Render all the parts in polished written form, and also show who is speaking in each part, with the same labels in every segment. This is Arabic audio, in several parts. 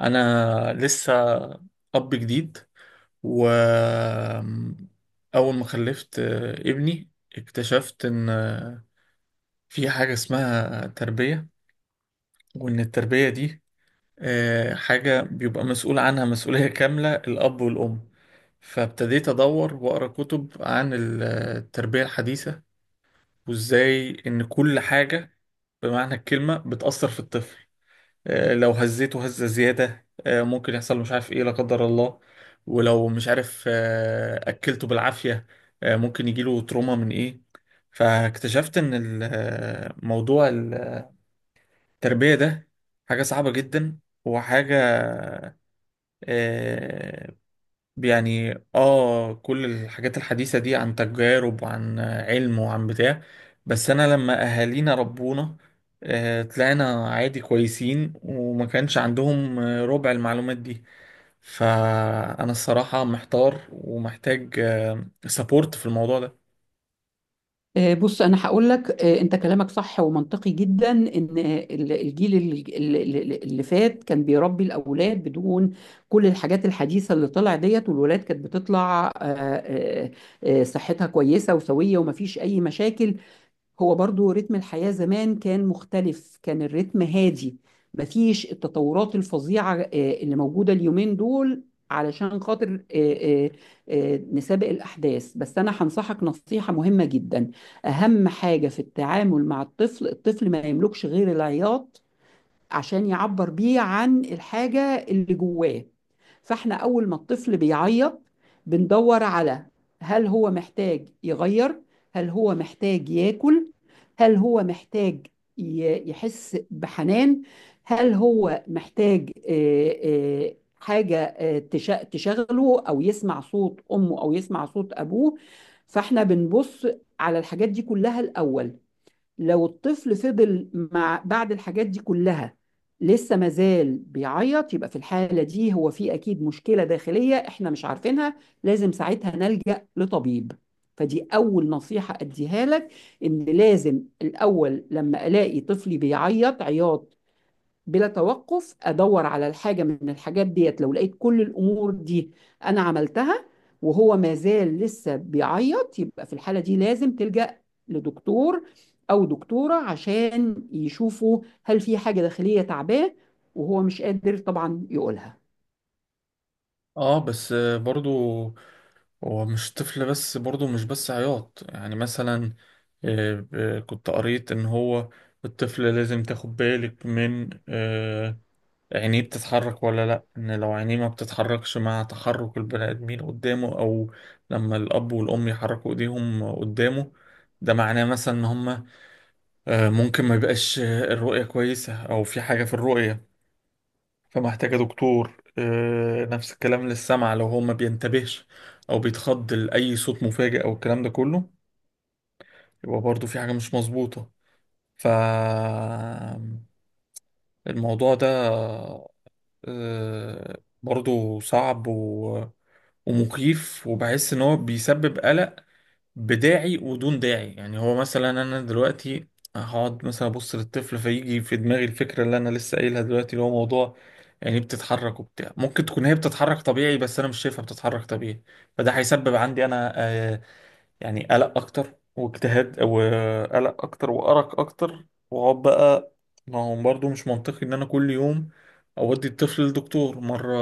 Speaker 1: انا لسه اب جديد و اول ما خلفت ابني، اكتشفت ان في حاجة اسمها تربية، وان التربية دي حاجة بيبقى مسؤول عنها مسؤولية كاملة الاب والام. فابتديت ادور واقرا كتب عن التربية الحديثة، وازاي ان كل حاجة بمعنى الكلمة بتأثر في الطفل. لو هزيته هزة زيادة ممكن يحصل مش عارف ايه لا قدر الله. ولو مش عارف أكلته بالعافية ممكن يجيله تروما من ايه. فاكتشفت ان موضوع التربية ده حاجة صعبة جدا، وحاجة آه، يعني كل الحاجات الحديثة دي عن تجارب وعن علم وعن بتاع. بس انا لما اهالينا ربونا طلعنا عادي كويسين، وما كانش عندهم ربع المعلومات دي. فانا الصراحة محتار ومحتاج سبورت في الموضوع ده.
Speaker 2: بص انا هقول لك، انت كلامك صح ومنطقي جدا ان الجيل اللي فات كان بيربي الاولاد بدون كل الحاجات الحديثه اللي طلع ديت، والولاد كانت بتطلع صحتها كويسه وسويه ومفيش اي مشاكل. هو برضو رتم الحياة زمان كان مختلف، كان الرتم هادي، مفيش التطورات الفظيعة اللي موجودة اليومين دول علشان خاطر نسابق الأحداث. بس أنا هنصحك نصيحة مهمة جدا. أهم حاجة في التعامل مع الطفل، الطفل ما يملكش غير العياط عشان يعبر بيه عن الحاجة اللي جواه. فاحنا أول ما الطفل بيعيط بندور على هل هو محتاج يغير، هل هو محتاج ياكل، هل هو محتاج يحس بحنان، هل هو محتاج حاجة تشغله أو يسمع صوت أمه أو يسمع صوت أبوه. فاحنا بنبص على الحاجات دي كلها الأول. لو الطفل فضل مع بعد الحاجات دي كلها لسه مازال بيعيط، يبقى في الحالة دي هو في أكيد مشكلة داخلية إحنا مش عارفينها، لازم ساعتها نلجأ لطبيب. فدي أول نصيحة أديها لك، إن لازم الأول لما ألاقي طفلي بيعيط عياط بلا توقف ادور على الحاجه من الحاجات ديت. لو لقيت كل الامور دي انا عملتها وهو ما زال لسه بيعيط، يبقى في الحاله دي لازم تلجأ لدكتور او دكتوره عشان يشوفوا هل في حاجه داخليه تعباه وهو مش قادر طبعا يقولها.
Speaker 1: اه بس برضو هو مش طفل بس، برضو مش بس عياط، يعني مثلا كنت قريت ان هو الطفل لازم تاخد بالك من عينيه بتتحرك ولا لأ. إن لو عينيه ما بتتحركش مع تحرك البني آدمين قدامه، أو لما الأب والأم يحركوا إيديهم قدامه، ده معناه مثلا إن هما ممكن ما يبقاش الرؤية كويسة، أو في حاجة في الرؤية فمحتاجة دكتور. نفس الكلام للسمع، لو هو ما بينتبهش أو بيتخض لأي صوت مفاجئ أو الكلام ده كله، يبقى برضه في حاجة مش مظبوطة. ف الموضوع ده آه، برضه صعب ومخيف، وبحس ان هو بيسبب قلق بداعي ودون داعي. يعني هو مثلا انا دلوقتي هقعد مثلا ابص للطفل، فيجي في دماغي الفكره اللي انا لسه قايلها دلوقتي، اللي هو موضوع يعني بتتحرك وبتاع، ممكن تكون هي بتتحرك طبيعي بس انا مش شايفها بتتحرك طبيعي. فده هيسبب عندي انا يعني قلق اكتر، واجتهاد وقلق اكتر وارق اكتر. واقعد بقى، ما هو برضه مش منطقي ان انا كل يوم اودي الطفل للدكتور مره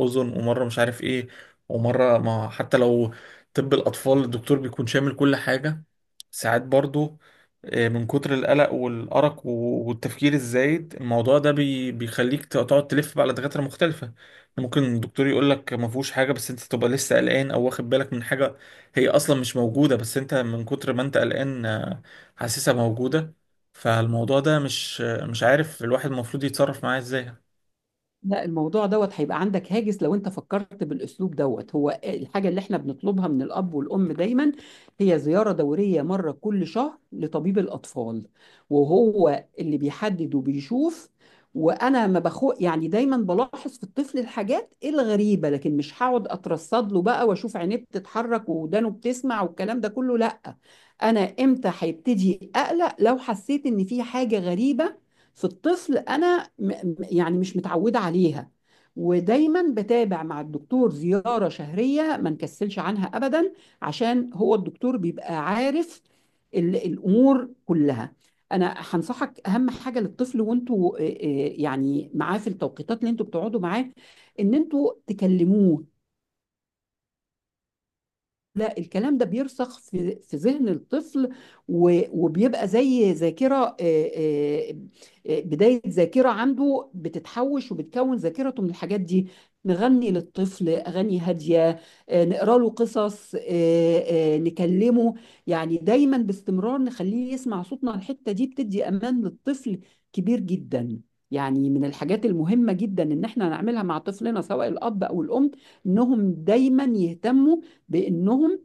Speaker 1: اذن، ومره مش عارف ايه، ومره ما حتى لو، طب الاطفال الدكتور بيكون شامل كل حاجه. ساعات برضه من كتر القلق والارق والتفكير الزايد، الموضوع ده بيخليك تقعد تلف بقى على دكاتره مختلفه. ممكن الدكتور يقول لك ما فيهوش حاجه، بس انت تبقى لسه قلقان او واخد بالك من حاجه هي اصلا مش موجوده، بس انت من كتر ما انت قلقان حاسسها موجوده. فالموضوع ده مش عارف الواحد المفروض يتصرف معاه ازاي.
Speaker 2: لا، الموضوع دوت هيبقى عندك هاجس لو انت فكرت بالاسلوب دوت. هو الحاجه اللي احنا بنطلبها من الاب والام دايما هي زياره دوريه مره كل شهر لطبيب الاطفال، وهو اللي بيحدد وبيشوف. وانا ما بخو يعني دايما بلاحظ في الطفل الحاجات الغريبه، لكن مش هقعد اترصد له بقى واشوف عينيه بتتحرك ودانه بتسمع والكلام ده كله، لا. انا امتى هيبتدي اقلق؟ لو حسيت ان في حاجه غريبه في الطفل انا يعني مش متعوده عليها. ودايما بتابع مع الدكتور زياره شهريه ما نكسلش عنها ابدا عشان هو الدكتور بيبقى عارف الامور كلها. انا هنصحك اهم حاجه للطفل، وانتوا يعني معاه في التوقيتات اللي انتوا بتقعدوا معاه ان انتوا تكلموه. لا، الكلام ده بيرسخ في ذهن الطفل، وبيبقى زي ذاكرة، بداية ذاكرة عنده بتتحوش وبتكون ذاكرته من الحاجات دي. نغني للطفل أغاني هادية، نقرأ له قصص، نكلمه. يعني دايما باستمرار نخليه يسمع صوتنا. الحتة دي بتدي أمان للطفل كبير جدا. يعني من الحاجات المهمة جدا إن احنا نعملها مع طفلنا سواء الأب أو الأم، إنهم دايما يهتموا بانهم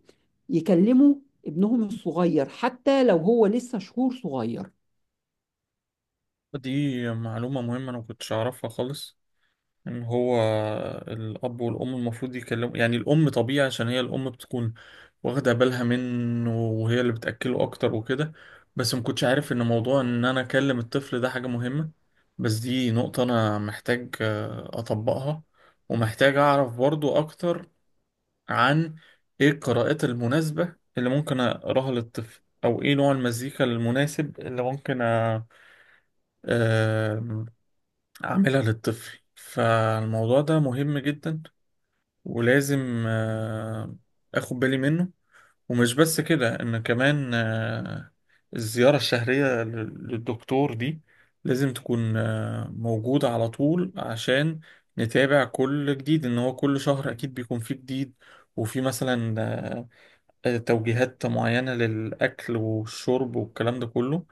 Speaker 2: يكلموا ابنهم الصغير حتى لو هو لسه شهور صغير.
Speaker 1: دي معلومه مهمه انا ما كنتش اعرفها خالص، ان هو الاب والام المفروض يكلموا. يعني الام طبيعي عشان هي الام بتكون واخده بالها منه وهي اللي بتاكله اكتر وكده، بس ما كنتش عارف ان موضوع ان انا اكلم الطفل ده حاجه مهمه. بس دي نقطه انا محتاج اطبقها، ومحتاج أعرف برضو أكتر عن ايه القراءات المناسبة اللي ممكن اقراها للطفل، او ايه نوع المزيكا المناسب اللي ممكن أ- آم، اعملها للطفل. فالموضوع ده مهم جدا ولازم آه، اخد بالي منه. ومش بس كده، ان كمان الزيارة الشهرية للدكتور دي لازم تكون موجودة على طول، عشان نتابع كل جديد، ان هو كل شهر اكيد بيكون فيه جديد. وفي مثلا توجيهات معينة للأكل والشرب والكلام ده كله.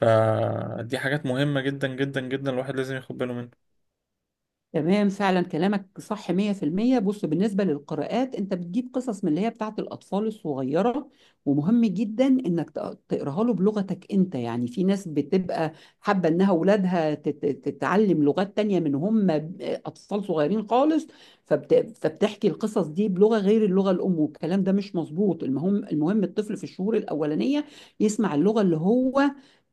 Speaker 1: فدي حاجات مهمة جدا جدا جدا الواحد لازم ياخد باله منها.
Speaker 2: تمام، فعلا كلامك صح 100%. بص، بالنسبة للقراءات، انت بتجيب قصص من اللي هي بتاعت الأطفال الصغيرة. ومهم جدا انك تقراها له بلغتك انت. يعني في ناس بتبقى حابة انها اولادها تتعلم لغات تانية من هم أطفال صغيرين خالص، فبتحكي القصص دي بلغة غير اللغة الأم، والكلام ده مش مظبوط. المهم، المهم الطفل في الشهور الأولانية يسمع اللغة اللي هو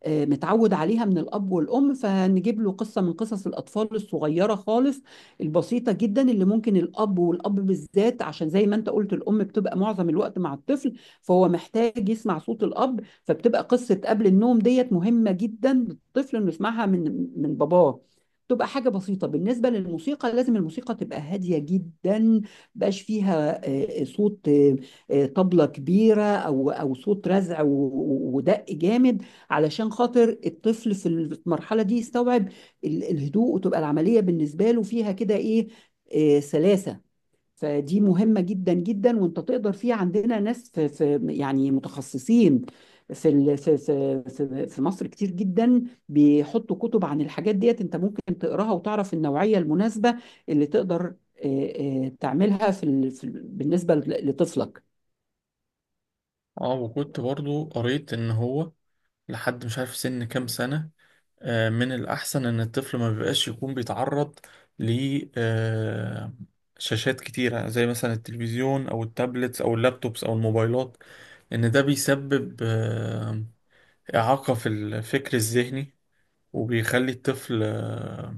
Speaker 2: متعود عليها من الأب والأم. فهنجيب له قصة من قصص الأطفال الصغيرة خالص البسيطة جدا، اللي ممكن الأب، والأب بالذات عشان زي ما أنت قلت الأم بتبقى معظم الوقت مع الطفل فهو محتاج يسمع صوت الأب. فبتبقى قصة قبل النوم ديت مهمة جدا للطفل إنه يسمعها من باباه، تبقى حاجة بسيطة. بالنسبة للموسيقى، لازم الموسيقى تبقى هادية جدا، مبقاش فيها صوت طبلة كبيرة أو صوت رزع ودق جامد علشان خاطر الطفل في المرحلة دي يستوعب الهدوء، وتبقى العملية بالنسبة له فيها كده إيه، سلاسة. فدي مهمة جدا جدا، وانت تقدر فيها. عندنا ناس في يعني متخصصين في في مصر كتير جدا بيحطوا كتب عن الحاجات ديت، انت ممكن تقراها وتعرف النوعية المناسبة اللي تقدر تعملها بالنسبة لطفلك.
Speaker 1: اه، وكنت برضو قريت إن هو لحد مش عارف سن كام سنة من الأحسن إن الطفل ما بيبقاش يكون بيتعرض ل آه، شاشات كتيرة، زي مثلا التلفزيون أو التابلتس أو اللابتوبس أو الموبايلات. إن ده بيسبب إعاقة في الفكر الذهني، وبيخلي الطفل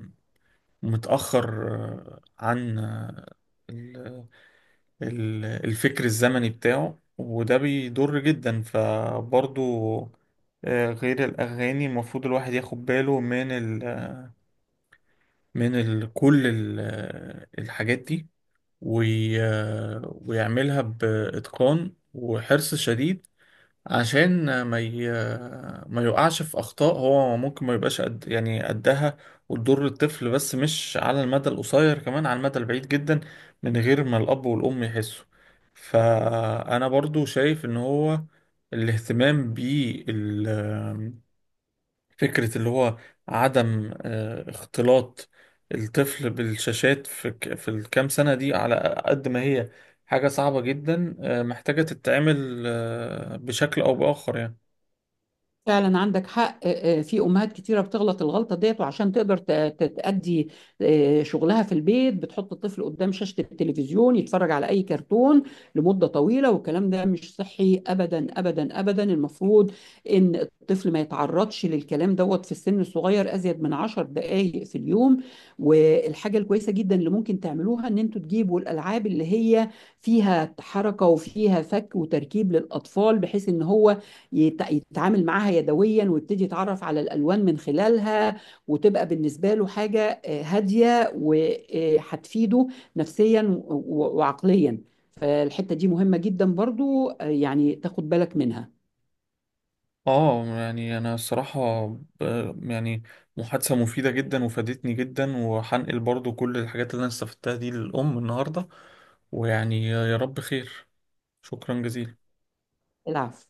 Speaker 1: متأخر آه، عن آه، ال- ال- الفكر الزمني بتاعه، وده بيضر جدا. فبرضو غير الأغاني، المفروض الواحد ياخد باله من ال آه، من ال كل ال آه، الحاجات دي ويعملها بإتقان وحرص شديد، عشان ما يقعش في اخطاء. هو ممكن ما يبقاش قد يعني قدها وتضر الطفل، بس مش على المدى القصير، كمان على المدى البعيد جدا، من غير ما الاب والام يحسوا. فانا برضو شايف ان هو الاهتمام بال فكرة اللي هو عدم اختلاط الطفل بالشاشات في في الكام سنة دي، على قد ما هي حاجة صعبة جدا محتاجة تتعمل بشكل أو بآخر يعني.
Speaker 2: فعلا عندك حق، في امهات كتيره بتغلط الغلطه ديت، وعشان تقدر تأدي شغلها في البيت بتحط الطفل قدام شاشه التلفزيون يتفرج على اي كرتون لمده طويله، والكلام ده مش صحي ابدا ابدا ابدا. المفروض ان الطفل ما يتعرضش للكلام دوت في السن الصغير ازيد من 10 دقائق في اليوم. والحاجه الكويسه جدا اللي ممكن تعملوها ان انتوا تجيبوا الالعاب اللي هي فيها حركه وفيها فك وتركيب للاطفال، بحيث ان هو يتعامل معاها يدويا ويبتدي يتعرف على الالوان من خلالها، وتبقى بالنسبه له حاجه هاديه وهتفيده نفسيا وعقليا. فالحته دي مهمه جدا برضو، يعني تاخد بالك منها.
Speaker 1: اه يعني أنا الصراحة يعني محادثة مفيدة جدا وفادتني جدا، وهنقل برضو كل الحاجات اللي أنا استفدتها دي للأم النهاردة. ويعني يا رب خير. شكرا جزيلا.
Speaker 2: العفو.